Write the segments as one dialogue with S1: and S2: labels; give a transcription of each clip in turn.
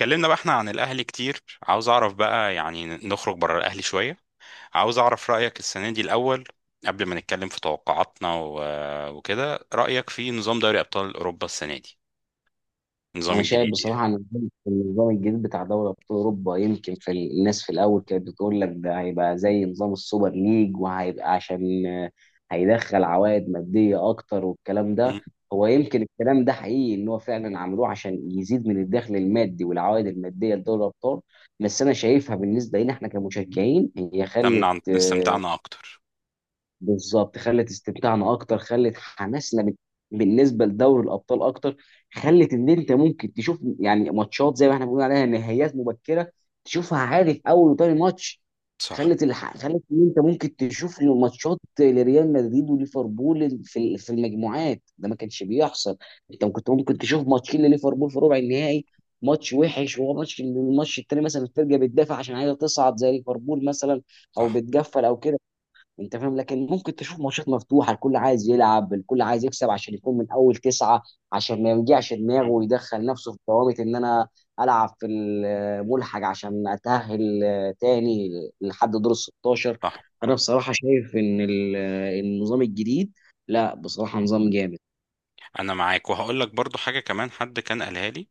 S1: اتكلمنا بقى احنا عن الاهلي كتير. عاوز اعرف بقى يعني نخرج بره الاهلي شويه. عاوز اعرف رايك السنه دي الاول. قبل ما نتكلم في توقعاتنا و- وكده، رايك في نظام دوري ابطال اوروبا السنه دي، النظام
S2: انا شايف
S1: الجديد يعني.
S2: بصراحه ان النظام الجديد بتاع دوري ابطال اوروبا يمكن في الناس في الاول كانت بتقول لك ده هيبقى زي نظام السوبر ليج وهيبقى عشان هيدخل عوائد ماديه اكتر والكلام ده.
S1: م.
S2: هو يمكن الكلام ده حقيقي ان هو فعلا عملوه عشان يزيد من الدخل المادي والعوائد الماديه لدوري الابطال. بس انا شايفها بالنسبه لنا احنا كمشجعين هي خلت
S1: استمتع استمتعنا اكتر.
S2: بالظبط، خلت استمتاعنا اكتر، خلت حماسنا بالنسبه لدوري الابطال اكتر. خلت ان انت ممكن تشوف يعني ماتشات زي ما احنا بنقول عليها نهائيات مبكره، تشوفها عادي في اول وتاني ماتش.
S1: صح
S2: خلت ان انت ممكن تشوف إن ماتشات لريال مدريد وليفربول في المجموعات ده ما كانش بيحصل. انت كنت ممكن تشوف ماتشين لليفربول في ربع النهائي، ماتش وحش وهو الماتش التاني مثلا، الفرقه بتدافع عشان عايزه تصعد زي ليفربول مثلا، او
S1: صح.
S2: بتقفل او كده. انت فاهم، لكن ممكن تشوف ماتشات مفتوحه، الكل عايز يلعب، الكل عايز يكسب عشان يكون من اول تسعه، عشان ما يوجعش دماغه
S1: م.
S2: ويدخل نفسه في ضوابط ان انا العب في الملحق عشان اتاهل تاني لحد دور ال 16.
S1: صح.
S2: انا بصراحه شايف ان النظام الجديد، لا بصراحه نظام جامد.
S1: انا معاك، وهقول لك برضو حاجه كمان حد كان قالها لي،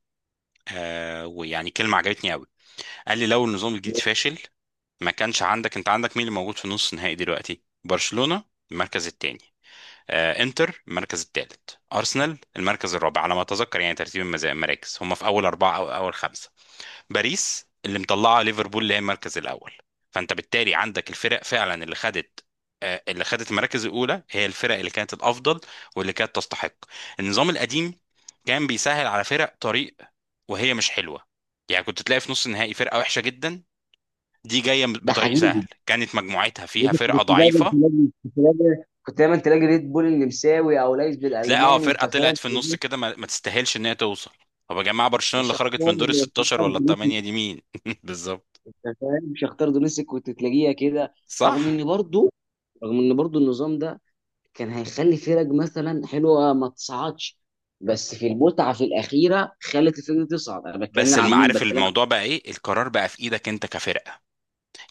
S1: ويعني كلمه عجبتني قوي. قال لي لو النظام الجديد فاشل، ما كانش عندك. انت عندك مين اللي موجود في نص النهائي دلوقتي؟ برشلونه المركز الثاني، انتر المركز الثالث، ارسنال المركز الرابع على ما اتذكر. يعني ترتيب المراكز، هم في اول اربعه او اول خمسه. باريس اللي مطلعه، ليفربول اللي هي المركز الاول. فانت بالتالي عندك الفرق فعلا اللي خدت المراكز الاولى هي الفرق اللي كانت الافضل، واللي كانت تستحق. النظام القديم كان بيسهل على فرق طريق وهي مش حلوه. يعني كنت تلاقي في نص النهائي فرقه وحشه جدا دي جايه
S2: ده
S1: بطريق
S2: حقيقي،
S1: سهل، كانت مجموعتها فيها فرقه
S2: كنت دايما
S1: ضعيفه.
S2: تلاقي كنت دايما كنت دايما تلاقي ريد بول النمساوي او ليس
S1: تلاقي اه
S2: بالالماني،
S1: فرقه
S2: انت
S1: طلعت
S2: فاهم،
S1: في النص كده، ما تستاهلش ان هي توصل. طب يا جماعه، برشلونه اللي خرجت
S2: الشعار.
S1: من دور ال 16 ولا ال 8 دي مين؟ بالظبط.
S2: انت فاهم، مش هختار دونيسك، كنت تلاقيها كده. رغم
S1: صح.
S2: ان برضو رغم ان برضو النظام ده كان هيخلي فرق مثلا حلوه ما تصعدش، بس في المتعه في الاخيره خلت الفرق دي تصعد. انا بتكلم هنا عن مين،
S1: عارف الموضوع بقى ايه؟ القرار بقى في ايدك انت كفرقه.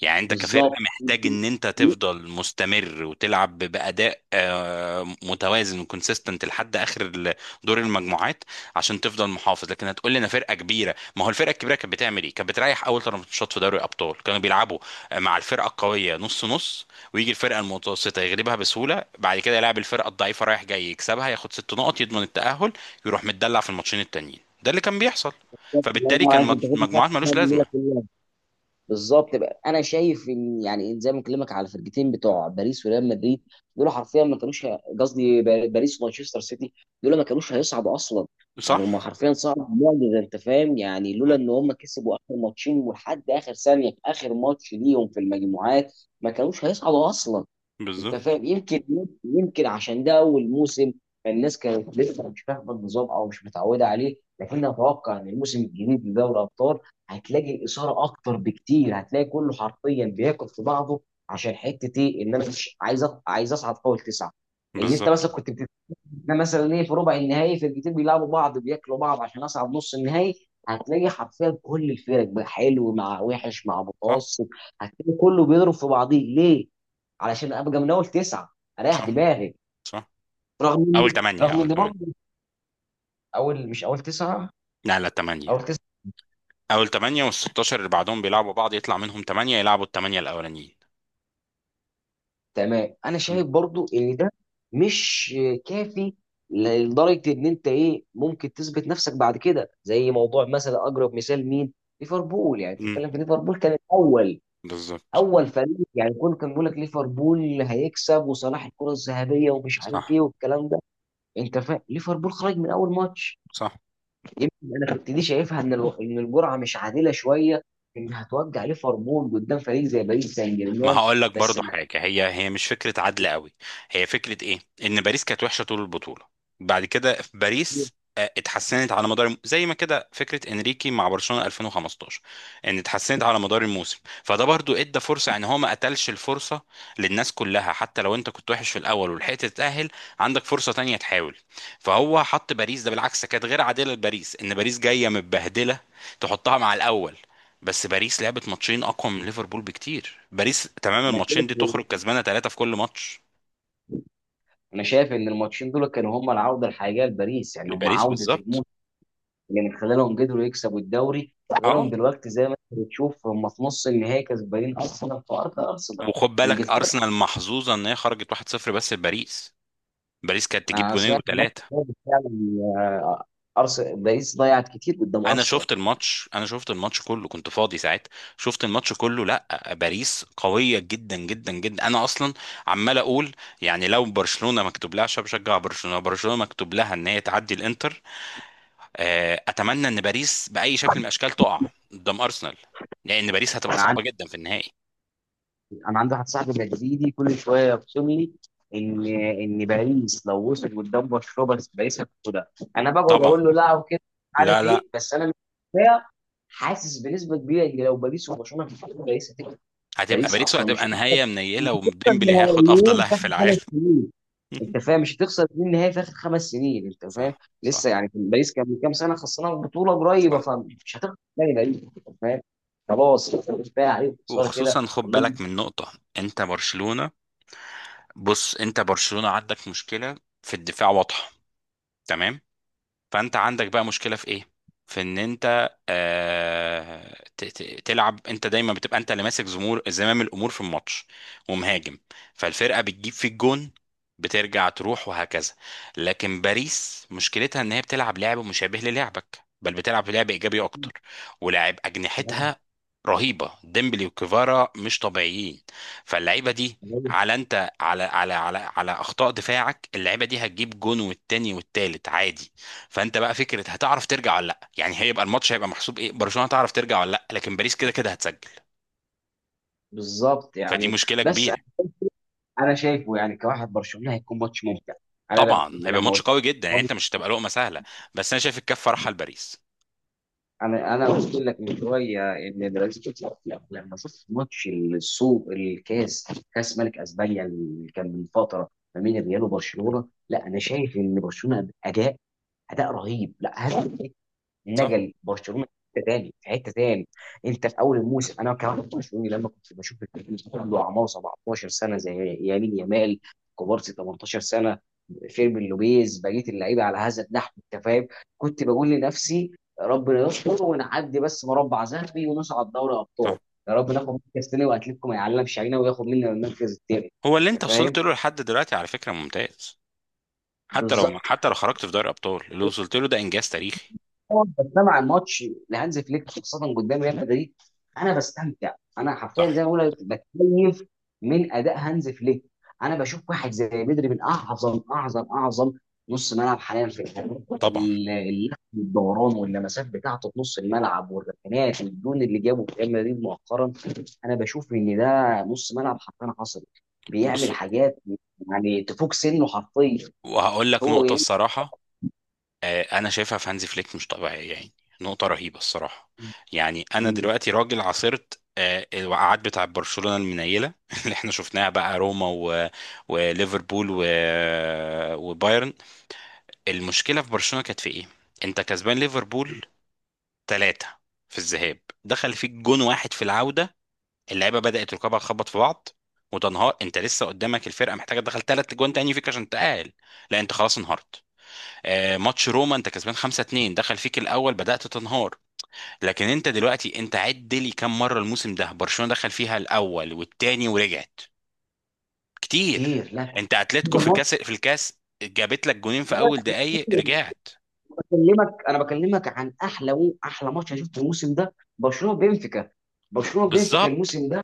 S1: يعني انت كفرقة
S2: بالظبط.
S1: محتاج ان انت تفضل مستمر وتلعب بأداء متوازن وكونسيستنت لحد دور المجموعات، عشان تفضل محافظ. لكن هتقول لي انا فرقة كبيرة. ما هو الفرقة الكبيرة كانت بتعمل ايه؟ كانت بتريح، اول ثلاث ماتشات في دوري الابطال كانوا بيلعبوا مع الفرقة القوية نص نص، ويجي الفرقة المتوسطة يغلبها بسهولة، بعد كده يلعب الفرقة الضعيفة رايح جاي يكسبها، ياخد ست نقط يضمن التأهل، يروح متدلع في الماتشين التانيين. ده اللي كان بيحصل. فبالتالي كان مجموعات ملوش لازمة.
S2: بالظبط بقى، انا شايف ان يعني زي ما بكلمك على الفرقتين بتوع باريس وريال مدريد، دول حرفيا ما كانوش باريس ومانشستر سيتي، دول ما كانوش هيصعدوا اصلا. يعني
S1: صح؟
S2: هم حرفيا صعدوا معجزه، انت فاهم، يعني لولا
S1: اه،
S2: ان هم كسبوا اخر ماتشين ولحد اخر ثانيه في اخر ماتش ليهم في المجموعات ما كانوش هيصعدوا اصلا. انت
S1: بالظبط.
S2: فاهم، يمكن عشان ده اول موسم فالناس كانت لسه مش فاهمه النظام او مش متعوده عليه، لكن اتوقع ان الموسم الجديد لدوري الابطال هتلاقي اثاره اكتر بكتير، هتلاقي كله حرفيا بياكل في بعضه عشان حته ايه، ان انا مش عايز عايز اصعد فوق التسعه. ان انت
S1: بالظبط.
S2: مثلا ده مثلا ايه، في ربع النهائي فرقتين بيلعبوا بعض بياكلوا بعض عشان اصعد نص النهائي. هتلاقي حرفيا كل الفرق بقى، حلو مع وحش مع
S1: صح.
S2: متوسط، هتلاقي كله بيضرب في بعضيه. ليه؟ علشان ابقى من اول تسعه، اريح
S1: صح.
S2: دماغي.
S1: صح.
S2: رغم
S1: اول
S2: ان
S1: ثمانية،
S2: رغم
S1: اول
S2: ان
S1: ثمانية.
S2: برضه اول، مش اول تسعه،
S1: لا لا،
S2: اول
S1: ثمانية.
S2: تسعه.
S1: اول ثمانية، وال 16 اللي بعدهم بيلعبوا بعض يطلع منهم ثمانية يلعبوا الثمانية الاولانيين.
S2: تمام، انا شايف برضه ان ده مش كافي، لدرجه ان انت ايه ممكن تثبت نفسك بعد كده، زي موضوع مثلا، اقرب مثال مين؟ ليفربول. يعني أنت
S1: امم.
S2: بتتكلم في ليفربول كان الاول،
S1: بالظبط.
S2: اول فريق، يعني كل كان بيقول لك ليفربول هيكسب وصلاح الكره الذهبيه ومش عارف
S1: صح.
S2: ايه والكلام ده. انت فاهم، ليفربول خرج من اول ماتش.
S1: صح.
S2: يمكن انا كنت دي شايفها ان ان الجرعه مش عادله شويه، انها توجع ليفربول قدام فريق زي باريس سان
S1: ما
S2: جيرمان.
S1: هقول لك
S2: بس
S1: برضو
S2: انا
S1: حاجة، هي مش فكرة عدل قوي. هي فكرة ايه؟ ان باريس كانت وحشة طول البطولة، بعد كده في باريس اتحسنت على مدار زي ما كده فكرة انريكي مع برشلونة 2015، ان اتحسنت على مدار الموسم. فده برضو ادى فرصة ان هو ما قتلش الفرصة للناس كلها، حتى لو انت كنت وحش في الاول ولحقت تتأهل، عندك فرصة تانية تحاول. فهو حط باريس، ده بالعكس كانت غير عادلة لباريس، ان باريس جاية متبهدلة تحطها مع الاول. بس باريس لعبت ماتشين اقوى من ليفربول بكتير، باريس تمام الماتشين
S2: شايف
S1: دي تخرج كسبانه ثلاثه في كل ماتش.
S2: انا شايف ان الماتشين دول كانوا هم العوده الحقيقيه لباريس، يعني هم
S1: لباريس
S2: عوده
S1: بالظبط.
S2: الموسم، اللي من خلالهم قدروا يكسبوا الدوري.
S1: اه.
S2: خلالهم دلوقتي زي ما انت بتشوف هم في نص النهائي كسبانين ارسنال في ارض ارسنال،
S1: وخد بالك
S2: انجلترا.
S1: ارسنال محظوظه ان هي خرجت 1-0 بس لباريس، باريس كانت تجيب
S2: انا
S1: جونين
S2: سمعت الماتش
S1: وثلاثه.
S2: ده فعلا، ارسنال، باريس ضيعت كتير قدام ارسنال.
S1: انا شفت الماتش كله كنت فاضي ساعتها. شفت الماتش كله، لا باريس قويه جدا جدا جدا. انا اصلا عمال اقول، يعني لو برشلونه مكتوب لها، عشان بشجع برشلونه، برشلونه مكتوب لها ان هي تعدي الانتر، اتمنى ان باريس باي شكل من الاشكال تقع قدام ارسنال، لان باريس هتبقى
S2: انا
S1: صعبه جدا في النهائي.
S2: انا عندي واحد صاحبي مدريدي كل شويه يرسم لي ان باريس لو وصل قدام برشلونه بس باريس هتاخدها. انا بقعد
S1: طبعا.
S2: اقول له لا وكده مش
S1: لا
S2: عارف
S1: لا،
S2: ايه، بس انا مش كفاية، حاسس بنسبه كبيره ان لو باريس وبرشلونه هتاخد، باريس هتكسب.
S1: هتبقى
S2: باريس
S1: باريس
S2: اصلا مش
S1: وهتبقى نهايه منيله،
S2: هتخسر
S1: وديمبلي هياخد افضل
S2: نهائيين
S1: لاعب
S2: في اخر
S1: في العالم.
S2: خمس سنين، انت فاهم، مش هتخسر اتنين نهائي في اخر خمس سنين. انت فاهم،
S1: صح
S2: لسه
S1: صح
S2: يعني كان باريس كان من كام سنه خسرانه بطوله قريبه،
S1: صح.
S2: فمش هتخسر تاني باريس. انت فاهم، خلاص كفايه عليهم خساره كده.
S1: وخصوصا خد بالك من نقطه، انت برشلونه. بص انت برشلونه عندك مشكله في الدفاع واضحه، تمام. فانت عندك بقى مشكله في ايه؟ في ان انت تلعب، انت دايما بتبقى انت اللي ماسك زمور زمام الامور في الماتش ومهاجم، فالفرقه بتجيب فيك جون، بترجع تروح وهكذا. لكن باريس مشكلتها ان هي بتلعب لعب مشابه للعبك، بل بتلعب لعب ايجابي اكتر، ولاعب
S2: وانهم
S1: اجنحتها رهيبه، ديمبلي وكيفارا مش طبيعيين. فاللعيبه دي، على انت على اخطاء دفاعك، اللعيبه دي هتجيب جون والتاني والتالت عادي. فانت بقى فكره هتعرف ترجع ولا لا؟ يعني هيبقى الماتش هيبقى محسوب ايه؟ برشلونه هتعرف ترجع ولا لا؟ لكن باريس كده كده هتسجل.
S2: بالظبط
S1: فدي
S2: يعني،
S1: مشكله
S2: بس
S1: كبيره.
S2: انا شايفه يعني كواحد برشلونه هيكون ماتش ممتع. انا
S1: طبعا هيبقى
S2: لما
S1: ماتش
S2: قلت،
S1: قوي جدا، يعني انت مش هتبقى لقمه سهله. بس انا شايف الكفه رايحه لباريس.
S2: انا قلت لك من شويه ان برازيل، لما شفت ماتش السوق الكاس، كاس ملك اسبانيا اللي كان من فتره ما بين الريال وبرشلونه، لا انا شايف ان برشلونه اداء اداء رهيب لا هدف،
S1: صح
S2: نقل برشلونه في حته تاني، في حته تاني. انت في اول الموسم انا كمان برشلوني لما كنت بشوف الفريق عنده اعمار 17 سنه زي يمين يامال، كوبارسي 18 سنه، فيرمين لوبيز، بقيه اللعيبه على هذا النحو. انت فاهم، كنت بقول لنفسي ربنا يستر ونعدي بس مربع ذهبي ونصعد دوري ابطال،
S1: صح.
S2: يا رب ناخد مركز تاني واتلتيكو ما يعلمش علينا وياخد مننا المركز التاني.
S1: هو اللي
S2: انت
S1: انت وصلت
S2: فاهم،
S1: له لحد دلوقتي على فكره ممتاز. حتى لو،
S2: بالظبط.
S1: حتى لو خرجت في دوري الابطال، اللي وصلت له ده انجاز تاريخي.
S2: طبعاً بستمع عن ماتش لهانز فليك خاصه قدام ريال مدريد، انا بستمتع، انا حرفيا
S1: صح.
S2: زي ما بقول لك بتكيف من اداء هانز فليك. انا بشوف واحد زي بدري من اعظم نص ملعب حاليا في الحقيقة.
S1: طبعا.
S2: اللحم والدوران واللمسات بتاعته في نص الملعب والركنات والجون اللي جابه في ريال مدريد مؤخرا، انا بشوف ان ده نص ملعب حرفيا حصري،
S1: بص،
S2: بيعمل حاجات يعني تفوق سنه حرفيا.
S1: وهقول لك
S2: هو
S1: نقطه الصراحه، انا شايفها في هانزي فليك مش طبيعيه يعني. نقطه رهيبه الصراحه.
S2: يمكن
S1: يعني انا دلوقتي راجل عاصرت الوقعات بتاع برشلونه المنيله، اللي احنا شفناها بقى روما و... وليفربول و... وبايرن. المشكله في برشلونه كانت في ايه؟ انت كسبان ليفربول ثلاثة في الذهاب، دخل فيك جون واحد في العوده، اللعيبه بدات ركابها تخبط في بعض وتنهار، انت لسه قدامك الفرقه محتاجه تدخل ثلاث جوان تاني فيك عشان تقال، لا انت خلاص انهارت. ماتش روما انت كسبان 5-2، دخل فيك الاول بدأت تنهار. لكن انت دلوقتي، انت عد لي كم مرة الموسم ده برشلونة دخل فيها الاول والتاني ورجعت؟ كتير.
S2: كتير.
S1: انت اتلتيكو في الكاس، جابت لك جونين في اول
S2: لا
S1: دقايق، رجعت.
S2: بكلمك، انا بكلمك عن احلى احلى ماتش انا شفته الموسم ده، برشلونه بنفيكا. برشلونه بنفيكا
S1: بالظبط.
S2: الموسم ده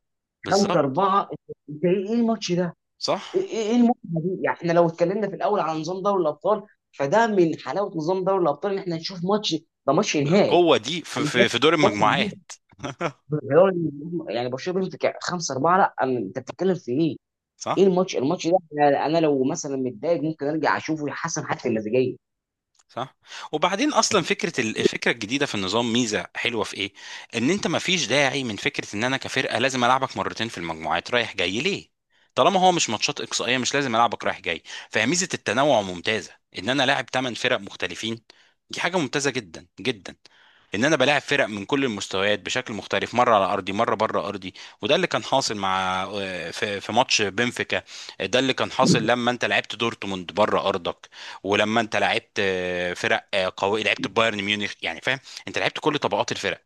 S2: 5
S1: بالظبط.
S2: 4 انت ايه، إيه الماتش ده؟ ايه
S1: صح.
S2: ايه، إيه المتعه دي؟ يعني احنا لو اتكلمنا في الاول على نظام دوري الابطال، فده من حلاوه نظام دوري الابطال ان احنا نشوف ماتش ده ماتش نهائي.
S1: بالقوة دي، في
S2: انا
S1: في
S2: شايف
S1: في دور
S2: ماتش نهائي.
S1: المجموعات؟
S2: غير إن- يعني برشلونه بنفيكا 5-4، لا انت بتتكلم في ايه؟ ايه
S1: صح.
S2: الماتش ده، انا لو مثلا متضايق ممكن ارجع اشوفه يحسن حتى المزاجيه.
S1: صح. وبعدين اصلا فكره ال- الفكره الجديده في النظام، ميزه حلوه في ايه؟ ان انت ما فيش داعي من فكره ان انا كفرقه لازم العبك مرتين في المجموعات رايح جاي ليه، طالما هو مش ماتشات اقصائيه مش لازم العبك رايح جاي. فهي ميزه التنوع ممتازه، ان انا لاعب ثمان فرق مختلفين، دي حاجه ممتازه جدا جدا، ان انا بلاعب فرق من كل المستويات بشكل مختلف، مره على ارضي مره بره ارضي. وده اللي كان حاصل مع في ماتش بنفيكا. ده اللي كان حاصل لما انت لعبت دورتموند بره ارضك، ولما انت لعبت فرق قوي، لعبت بايرن ميونخ، يعني فاهم. انت لعبت كل طبقات الفرق،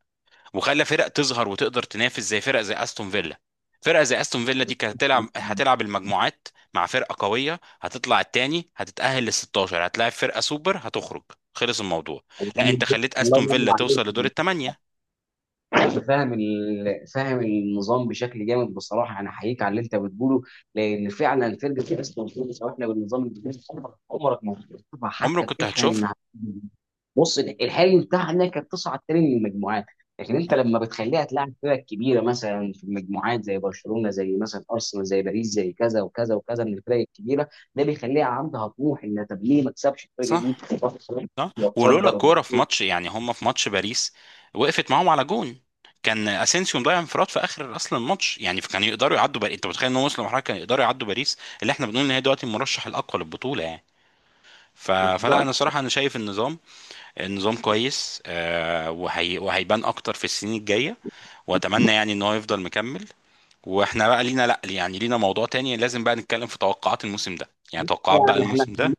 S1: وخلى فرق تظهر وتقدر تنافس، زي فرق زي استون فيلا. فرقه زي استون فيلا دي كانت هتلعب المجموعات مع فرقه قويه، هتطلع التاني هتتاهل لل 16، هتلاعب فرقه سوبر هتخرج، خلص الموضوع. لا انت خليت
S2: الله
S1: استون
S2: ينور
S1: فيلا
S2: عليك.
S1: توصل لدور الثمانيه.
S2: انت فاهم فاهم النظام بشكل جامد بصراحه، انا احييك على اللي انت بتقوله، لان فعلا فرقه اسمها بتقول احنا بالنظام الجديد عمرك ما هتشوفها
S1: عمرك
S2: حتى
S1: كنت
S2: بتحلم
S1: هتشوفها.
S2: انها هتيجي. بص، الحلم بتاعنا كانت تصعد تاني من المجموعات، لكن انت لما بتخليها تلعب فرق كبيره مثلا في المجموعات زي برشلونه، زي مثلا ارسنال، زي باريس، زي كذا وكذا وكذا من الفرق الكبيره، ده بيخليها عندها طموح ان طب ليه ما تكسبش الفرقه دي
S1: صح. صح. ولولا
S2: وتصدر
S1: كوره في
S2: وبتصدر.
S1: ماتش، يعني هم في ماتش باريس وقفت معاهم على جون، كان اسينسيو مضيع انفراد في اخر اصلا الماتش، يعني كان يقدروا يعدوا باريس، انت متخيل ان هم وصلوا لمرحله كانوا يقدروا يعدوا باريس اللي احنا بنقول ان هي دلوقتي المرشح الاقوى للبطوله يعني. ف... فلا
S2: بالظبط.
S1: انا صراحه انا شايف النظام، النظام كويس آه، وهي... وهيبان اكتر في السنين الجايه، واتمنى يعني ان هو يفضل مكمل. واحنا بقى لينا، لا يعني لينا موضوع تاني لازم بقى نتكلم في توقعات الموسم ده، يعني توقعات بقى
S2: يعني احنا
S1: الموسم ده.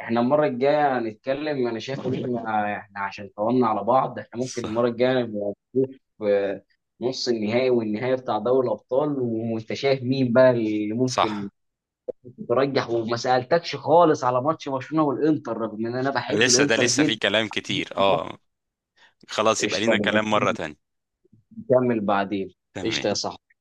S2: احنا المرة الجاية هنتكلم، انا شايف ان احنا عشان طولنا على بعض احنا ممكن
S1: صح.
S2: المرة الجاية نبقى نشوف آه، نص النهائي والنهائي بتاع دوري الابطال، وانت شايف مين بقى اللي ممكن
S1: صح.
S2: ترجح. وما سألتكش خالص على ماتش برشلونة والانتر رغم ان انا بحب
S1: لسه ده
S2: الانتر
S1: لسه فيه
S2: جدا.
S1: كلام كتير، اه. خلاص يبقى
S2: قشطة،
S1: لينا
S2: نبقى
S1: كلام مرة تانية.
S2: نكمل بعدين.
S1: تمام.
S2: قشطة يا صاحبي.